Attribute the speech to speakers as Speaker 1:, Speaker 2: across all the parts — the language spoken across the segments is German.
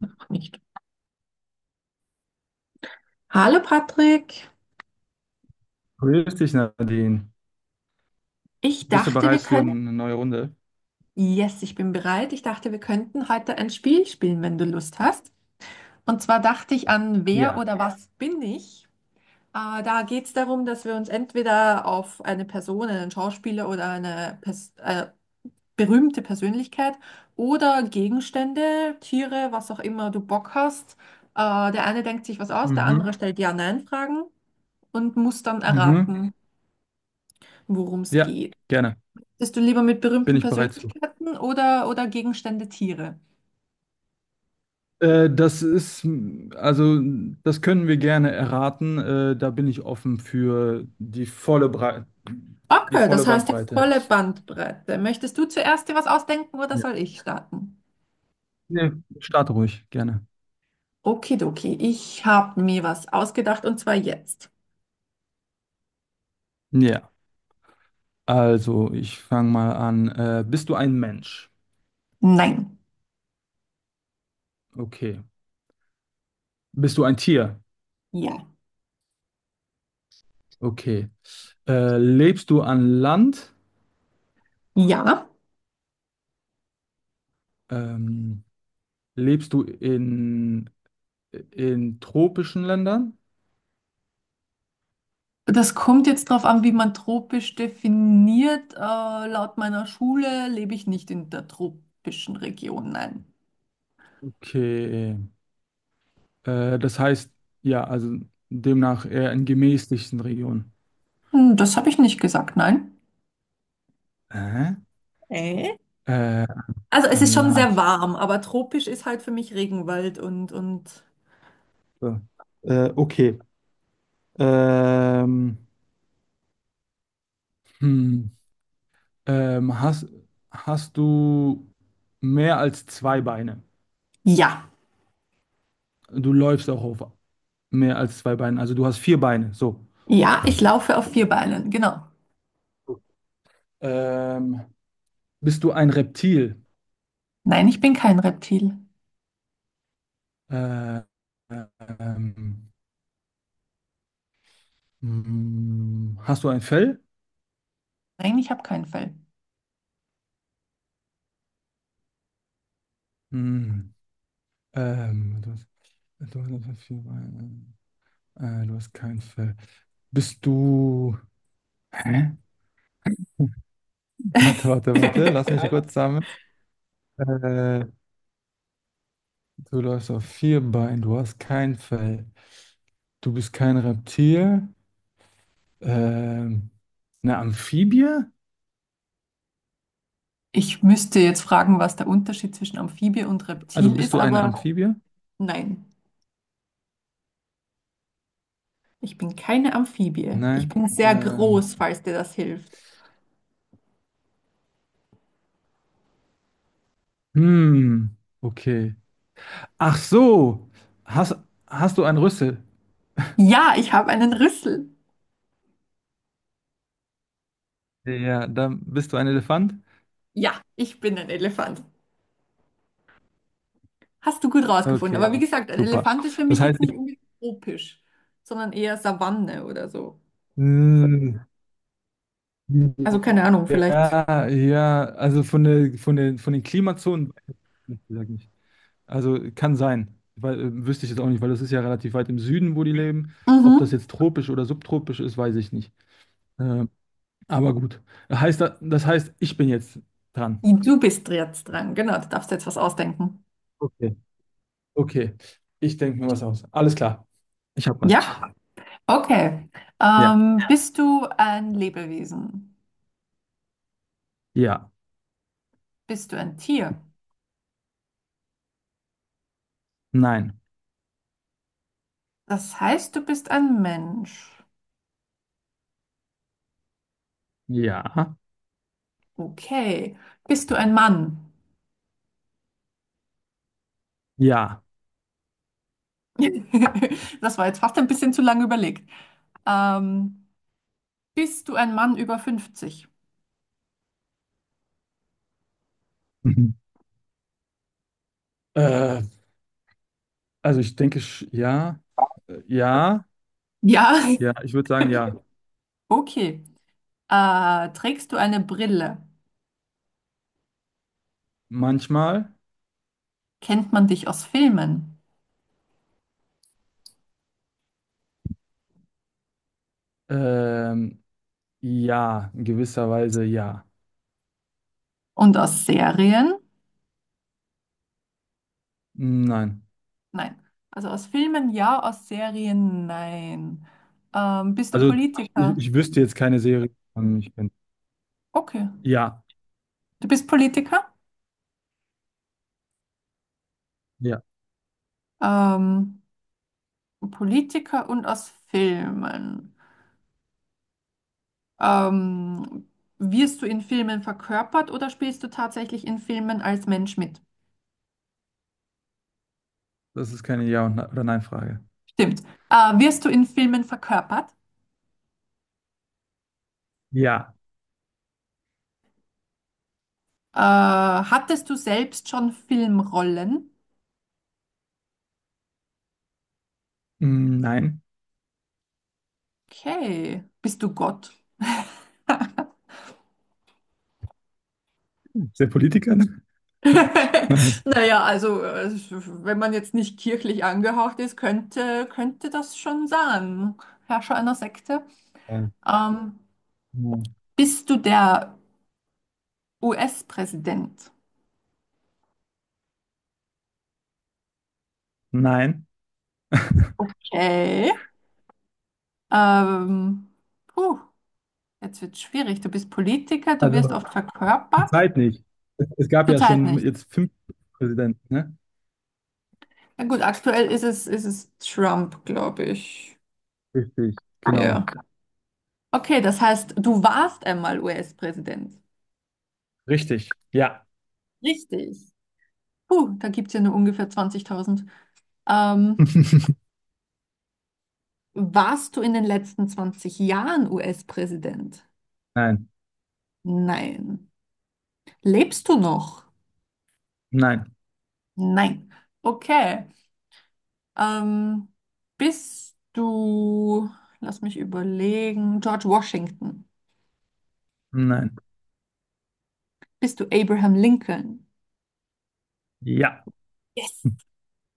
Speaker 1: Noch nicht. Hallo Patrick,
Speaker 2: Grüß dich, Nadine.
Speaker 1: ich
Speaker 2: Bist du
Speaker 1: dachte, wir
Speaker 2: bereit für
Speaker 1: können.
Speaker 2: eine neue Runde?
Speaker 1: Yes, ich bin bereit. Ich dachte, wir könnten heute ein Spiel spielen, wenn du Lust hast. Und zwar dachte ich an Wer
Speaker 2: Ja.
Speaker 1: oder was bin ich? Da geht es darum, dass wir uns entweder auf eine Person, einen Schauspieler oder eine Pers berühmte Persönlichkeit oder Gegenstände, Tiere, was auch immer du Bock hast. Der eine denkt sich was aus, der
Speaker 2: Mhm.
Speaker 1: andere stellt Ja-Nein-Fragen und muss dann
Speaker 2: Mhm.
Speaker 1: erraten, worum es
Speaker 2: Ja,
Speaker 1: geht.
Speaker 2: gerne.
Speaker 1: Bist du lieber mit
Speaker 2: Bin
Speaker 1: berühmten
Speaker 2: ich bereit zu.
Speaker 1: Persönlichkeiten oder Gegenstände, Tiere?
Speaker 2: Das ist, also, das können wir gerne erraten. Da bin ich offen für die
Speaker 1: Okay,
Speaker 2: volle
Speaker 1: das heißt jetzt
Speaker 2: Bandbreite.
Speaker 1: volle Bandbreite. Möchtest du zuerst dir was ausdenken oder
Speaker 2: Ja.
Speaker 1: soll ich starten?
Speaker 2: Nee, start ruhig, gerne.
Speaker 1: Okidoki, ich habe mir was ausgedacht und zwar jetzt.
Speaker 2: Ja, also, ich fange mal an. Bist du ein Mensch?
Speaker 1: Nein.
Speaker 2: Okay. Bist du ein Tier?
Speaker 1: Ja.
Speaker 2: Okay. Lebst du an Land?
Speaker 1: Ja.
Speaker 2: Ähm, Lebst du in tropischen Ländern?
Speaker 1: Das kommt jetzt drauf an, wie man tropisch definiert. Laut meiner Schule lebe ich nicht in der tropischen Region, nein.
Speaker 2: Okay. Das heißt, ja, also demnach eher in gemäßigten Regionen.
Speaker 1: Hm, das habe ich nicht gesagt, nein.
Speaker 2: Hä?
Speaker 1: Äh?
Speaker 2: Äh,
Speaker 1: Also es ist
Speaker 2: an
Speaker 1: schon sehr
Speaker 2: Land.
Speaker 1: warm, aber tropisch ist halt für mich Regenwald und
Speaker 2: So. Okay. Ähm, hm. Ähm, hast, hast du mehr als zwei Beine?
Speaker 1: ja,
Speaker 2: Du läufst auch auf mehr als zwei Beinen. Also du hast vier Beine. So.
Speaker 1: ja, ich laufe auf vier Beinen, genau.
Speaker 2: Ähm, bist du ein Reptil?
Speaker 1: Nein, ich bin kein Reptil.
Speaker 2: Äh, ähm, Hast du ein Fell?
Speaker 1: Nein, ich habe kein Fell.
Speaker 2: Hm. Ähm, du hast, du hast vier Beine. Du hast kein Fell. Bist du. Hä? Warte, warte, warte. Lass mich kurz sammeln. Äh, du läufst auf vier Beinen. Du hast kein Fell. Du bist kein Reptil. Ähm, eine Amphibie?
Speaker 1: Ich müsste jetzt fragen, was der Unterschied zwischen Amphibie und
Speaker 2: Also
Speaker 1: Reptil
Speaker 2: bist
Speaker 1: ist,
Speaker 2: du eine
Speaker 1: aber
Speaker 2: Amphibie?
Speaker 1: nein, ich bin keine Amphibie. Ich
Speaker 2: Nein.
Speaker 1: bin sehr
Speaker 2: Ähm,
Speaker 1: groß, falls dir das hilft.
Speaker 2: hm. Okay. Ach so. Hast, hast du einen Rüssel?
Speaker 1: Ja, ich habe einen Rüssel.
Speaker 2: Ja, dann bist du ein Elefant?
Speaker 1: Ja, ich bin ein Elefant. Hast du gut rausgefunden. Aber
Speaker 2: Okay,
Speaker 1: wie gesagt, ein
Speaker 2: super.
Speaker 1: Elefant ist für
Speaker 2: Das
Speaker 1: mich
Speaker 2: heißt,
Speaker 1: jetzt
Speaker 2: ich,
Speaker 1: nicht unbedingt tropisch, sondern eher Savanne oder so.
Speaker 2: mm,
Speaker 1: Also keine Ahnung, vielleicht.
Speaker 2: ja, ja, also von den Klimazonen, sag ich. Also kann sein, weil, wüsste ich jetzt auch nicht, weil das ist ja relativ weit im Süden, wo die leben. Ob das
Speaker 1: Mhm.
Speaker 2: jetzt tropisch oder subtropisch ist, weiß ich nicht. Ähm, aber gut. Heißt, das heißt, ich bin jetzt dran.
Speaker 1: Du bist jetzt dran. Genau, du darfst jetzt was ausdenken.
Speaker 2: Okay. Okay. Ich denke mir was aus. Alles klar. Ich habe was.
Speaker 1: Ja, okay.
Speaker 2: Ja.
Speaker 1: Bist du ein Lebewesen?
Speaker 2: Ja.
Speaker 1: Bist du ein Tier?
Speaker 2: Nein.
Speaker 1: Das heißt, du bist ein Mensch.
Speaker 2: Ja.
Speaker 1: Okay. Bist du ein Mann?
Speaker 2: Ja.
Speaker 1: Das war jetzt fast ein bisschen zu lange überlegt. Ähm, bist du ein Mann über 50?
Speaker 2: Mhm. Äh, also ich denke, ja, ja,
Speaker 1: Ja.
Speaker 2: ja, ich würde sagen, ja.
Speaker 1: Okay. Ah, trägst du eine Brille?
Speaker 2: Manchmal,
Speaker 1: Kennt man dich aus Filmen?
Speaker 2: ähm, ja, in gewisser Weise, ja.
Speaker 1: Und aus Serien?
Speaker 2: Nein.
Speaker 1: Nein. Also aus Filmen ja, aus Serien nein. Bist du
Speaker 2: Also
Speaker 1: Politiker?
Speaker 2: ich wüsste jetzt keine Serie, von ich bin.
Speaker 1: Okay.
Speaker 2: Ja,
Speaker 1: Du bist Politiker?
Speaker 2: ja,
Speaker 1: Ähm, Politiker und aus Filmen. Ähm, wirst du in Filmen verkörpert oder spielst du tatsächlich in Filmen als Mensch mit?
Speaker 2: das ist keine Ja- und Ne- oder Nein-Frage.
Speaker 1: Stimmt. Wirst du in Filmen verkörpert?
Speaker 2: Ja,
Speaker 1: Hattest du selbst schon Filmrollen?
Speaker 2: mm, nein.
Speaker 1: Okay, bist du Gott?
Speaker 2: Ist der Politiker? Ne?
Speaker 1: Naja, also wenn man jetzt nicht kirchlich angehaucht ist, könnte das schon sein, Herrscher einer Sekte.
Speaker 2: Nein.
Speaker 1: Ähm,
Speaker 2: Ja.
Speaker 1: bist du der US-Präsident?
Speaker 2: Nein.
Speaker 1: Okay. Ähm, puh, jetzt wird schwierig. Du bist Politiker, du wirst
Speaker 2: Also
Speaker 1: oft
Speaker 2: zur
Speaker 1: verkörpert.
Speaker 2: Zeit nicht. Es gab ja
Speaker 1: Zurzeit
Speaker 2: schon
Speaker 1: nicht.
Speaker 2: jetzt 5 Präsidenten, ne?
Speaker 1: Na gut, aktuell ist es Trump, glaube ich.
Speaker 2: Richtig, genau.
Speaker 1: Ja. Okay, das heißt, du warst einmal US-Präsident.
Speaker 2: Richtig. Ja.
Speaker 1: Richtig. Puh, da gibt es ja nur ungefähr 20.000. Ähm, warst du in den letzten 20 Jahren US-Präsident?
Speaker 2: Nein,
Speaker 1: Nein. Lebst du noch?
Speaker 2: nein,
Speaker 1: Nein. Okay. Ähm, bist du, lass mich überlegen, George Washington?
Speaker 2: nein.
Speaker 1: Bist du Abraham Lincoln?
Speaker 2: Ja.
Speaker 1: Yes,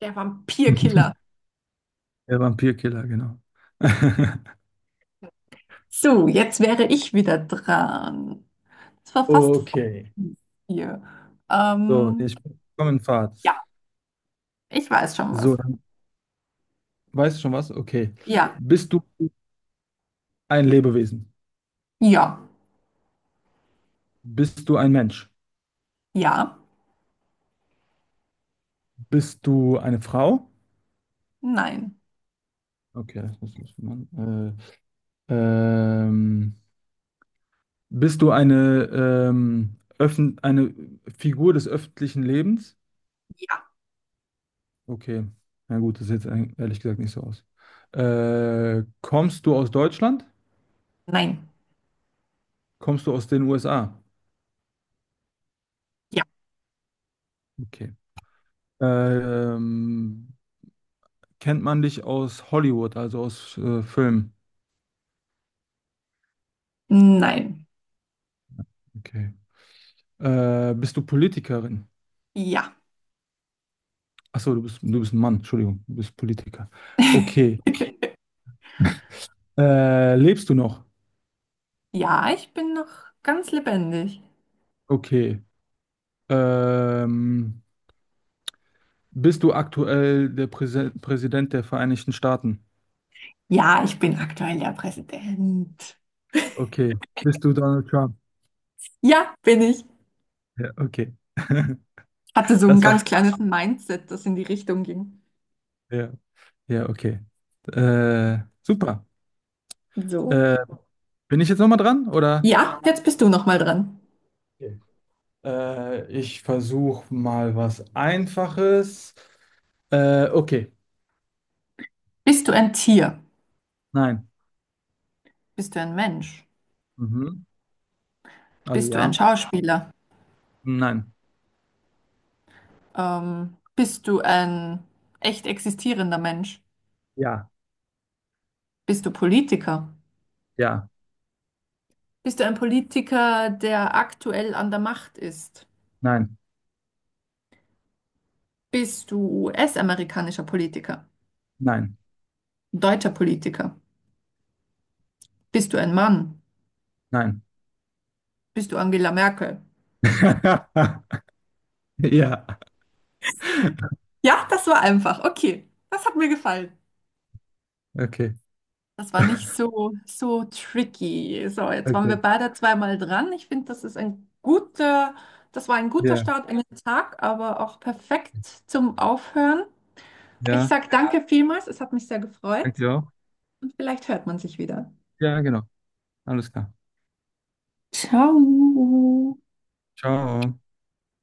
Speaker 1: der Vampirkiller.
Speaker 2: Der Vampirkiller, genau.
Speaker 1: So, jetzt wäre ich wieder dran. Es war fast
Speaker 2: Okay.
Speaker 1: hier.
Speaker 2: So,
Speaker 1: Ähm,
Speaker 2: ich komme in Fahrt.
Speaker 1: ja, ich weiß schon
Speaker 2: So,
Speaker 1: was.
Speaker 2: dann weißt du schon was? Okay.
Speaker 1: Ja,
Speaker 2: Bist du ein Lebewesen?
Speaker 1: ja.
Speaker 2: Bist du ein Mensch?
Speaker 1: Ja,
Speaker 2: Bist du eine Frau?
Speaker 1: nein,
Speaker 2: Okay, das muss man. Äh, ähm, bist du eine, öffn eine Figur des öffentlichen Lebens?
Speaker 1: Ja,
Speaker 2: Okay. Na gut, das sieht jetzt ehrlich gesagt nicht so aus. Kommst du aus Deutschland?
Speaker 1: nein,
Speaker 2: Kommst du aus den USA?
Speaker 1: ja,
Speaker 2: Okay. Ähm, kennt man dich aus Hollywood, also aus Filmen?
Speaker 1: nein,
Speaker 2: Okay. Bist du Politikerin?
Speaker 1: ja.
Speaker 2: Achso, du bist ein Mann, Entschuldigung, du bist Politiker. Okay. Lebst du noch?
Speaker 1: Ja, ich bin noch ganz lebendig.
Speaker 2: Okay. Ähm, bist du aktuell der Präse Präsident der Vereinigten Staaten?
Speaker 1: Ja, ich bin aktuell der Präsident.
Speaker 2: Okay. Bist du Donald Trump?
Speaker 1: Ja, bin ich.
Speaker 2: Ja, okay.
Speaker 1: Hatte so ein
Speaker 2: Das war.
Speaker 1: ganz kleines Mindset, das in die Richtung ging.
Speaker 2: Ja, ja, okay. Super.
Speaker 1: So.
Speaker 2: Äh, bin ich jetzt nochmal dran, oder?
Speaker 1: Ja, jetzt bist du noch mal dran.
Speaker 2: Okay. Ich versuche mal was Einfaches. Okay.
Speaker 1: Bist du ein Tier?
Speaker 2: Nein.
Speaker 1: Bist du ein Mensch?
Speaker 2: Mhm. Also
Speaker 1: Bist du ein
Speaker 2: ja.
Speaker 1: Schauspieler?
Speaker 2: Nein.
Speaker 1: Bist du ein echt existierender Mensch?
Speaker 2: Ja.
Speaker 1: Bist du Politiker?
Speaker 2: Ja.
Speaker 1: Bist du ein Politiker, der aktuell an der Macht ist?
Speaker 2: Nein.
Speaker 1: Bist du US-amerikanischer Politiker?
Speaker 2: Nein.
Speaker 1: Deutscher Politiker? Bist du ein Mann?
Speaker 2: Nein.
Speaker 1: Bist du Angela Merkel?
Speaker 2: Ja.
Speaker 1: Ja, das war einfach. Okay, das hat mir gefallen.
Speaker 2: Okay.
Speaker 1: Das war nicht so, so tricky. So, jetzt waren
Speaker 2: Okay.
Speaker 1: wir beide zweimal dran. Ich finde, das ist ein guter, das war ein guter
Speaker 2: Ja.
Speaker 1: Start in den Tag, aber auch perfekt zum Aufhören. Ich
Speaker 2: Ja.
Speaker 1: sage danke vielmals. Es hat mich sehr gefreut
Speaker 2: Danke dir auch.
Speaker 1: und vielleicht hört man sich wieder.
Speaker 2: Ja, genau. Alles klar.
Speaker 1: Ciao.
Speaker 2: Ciao.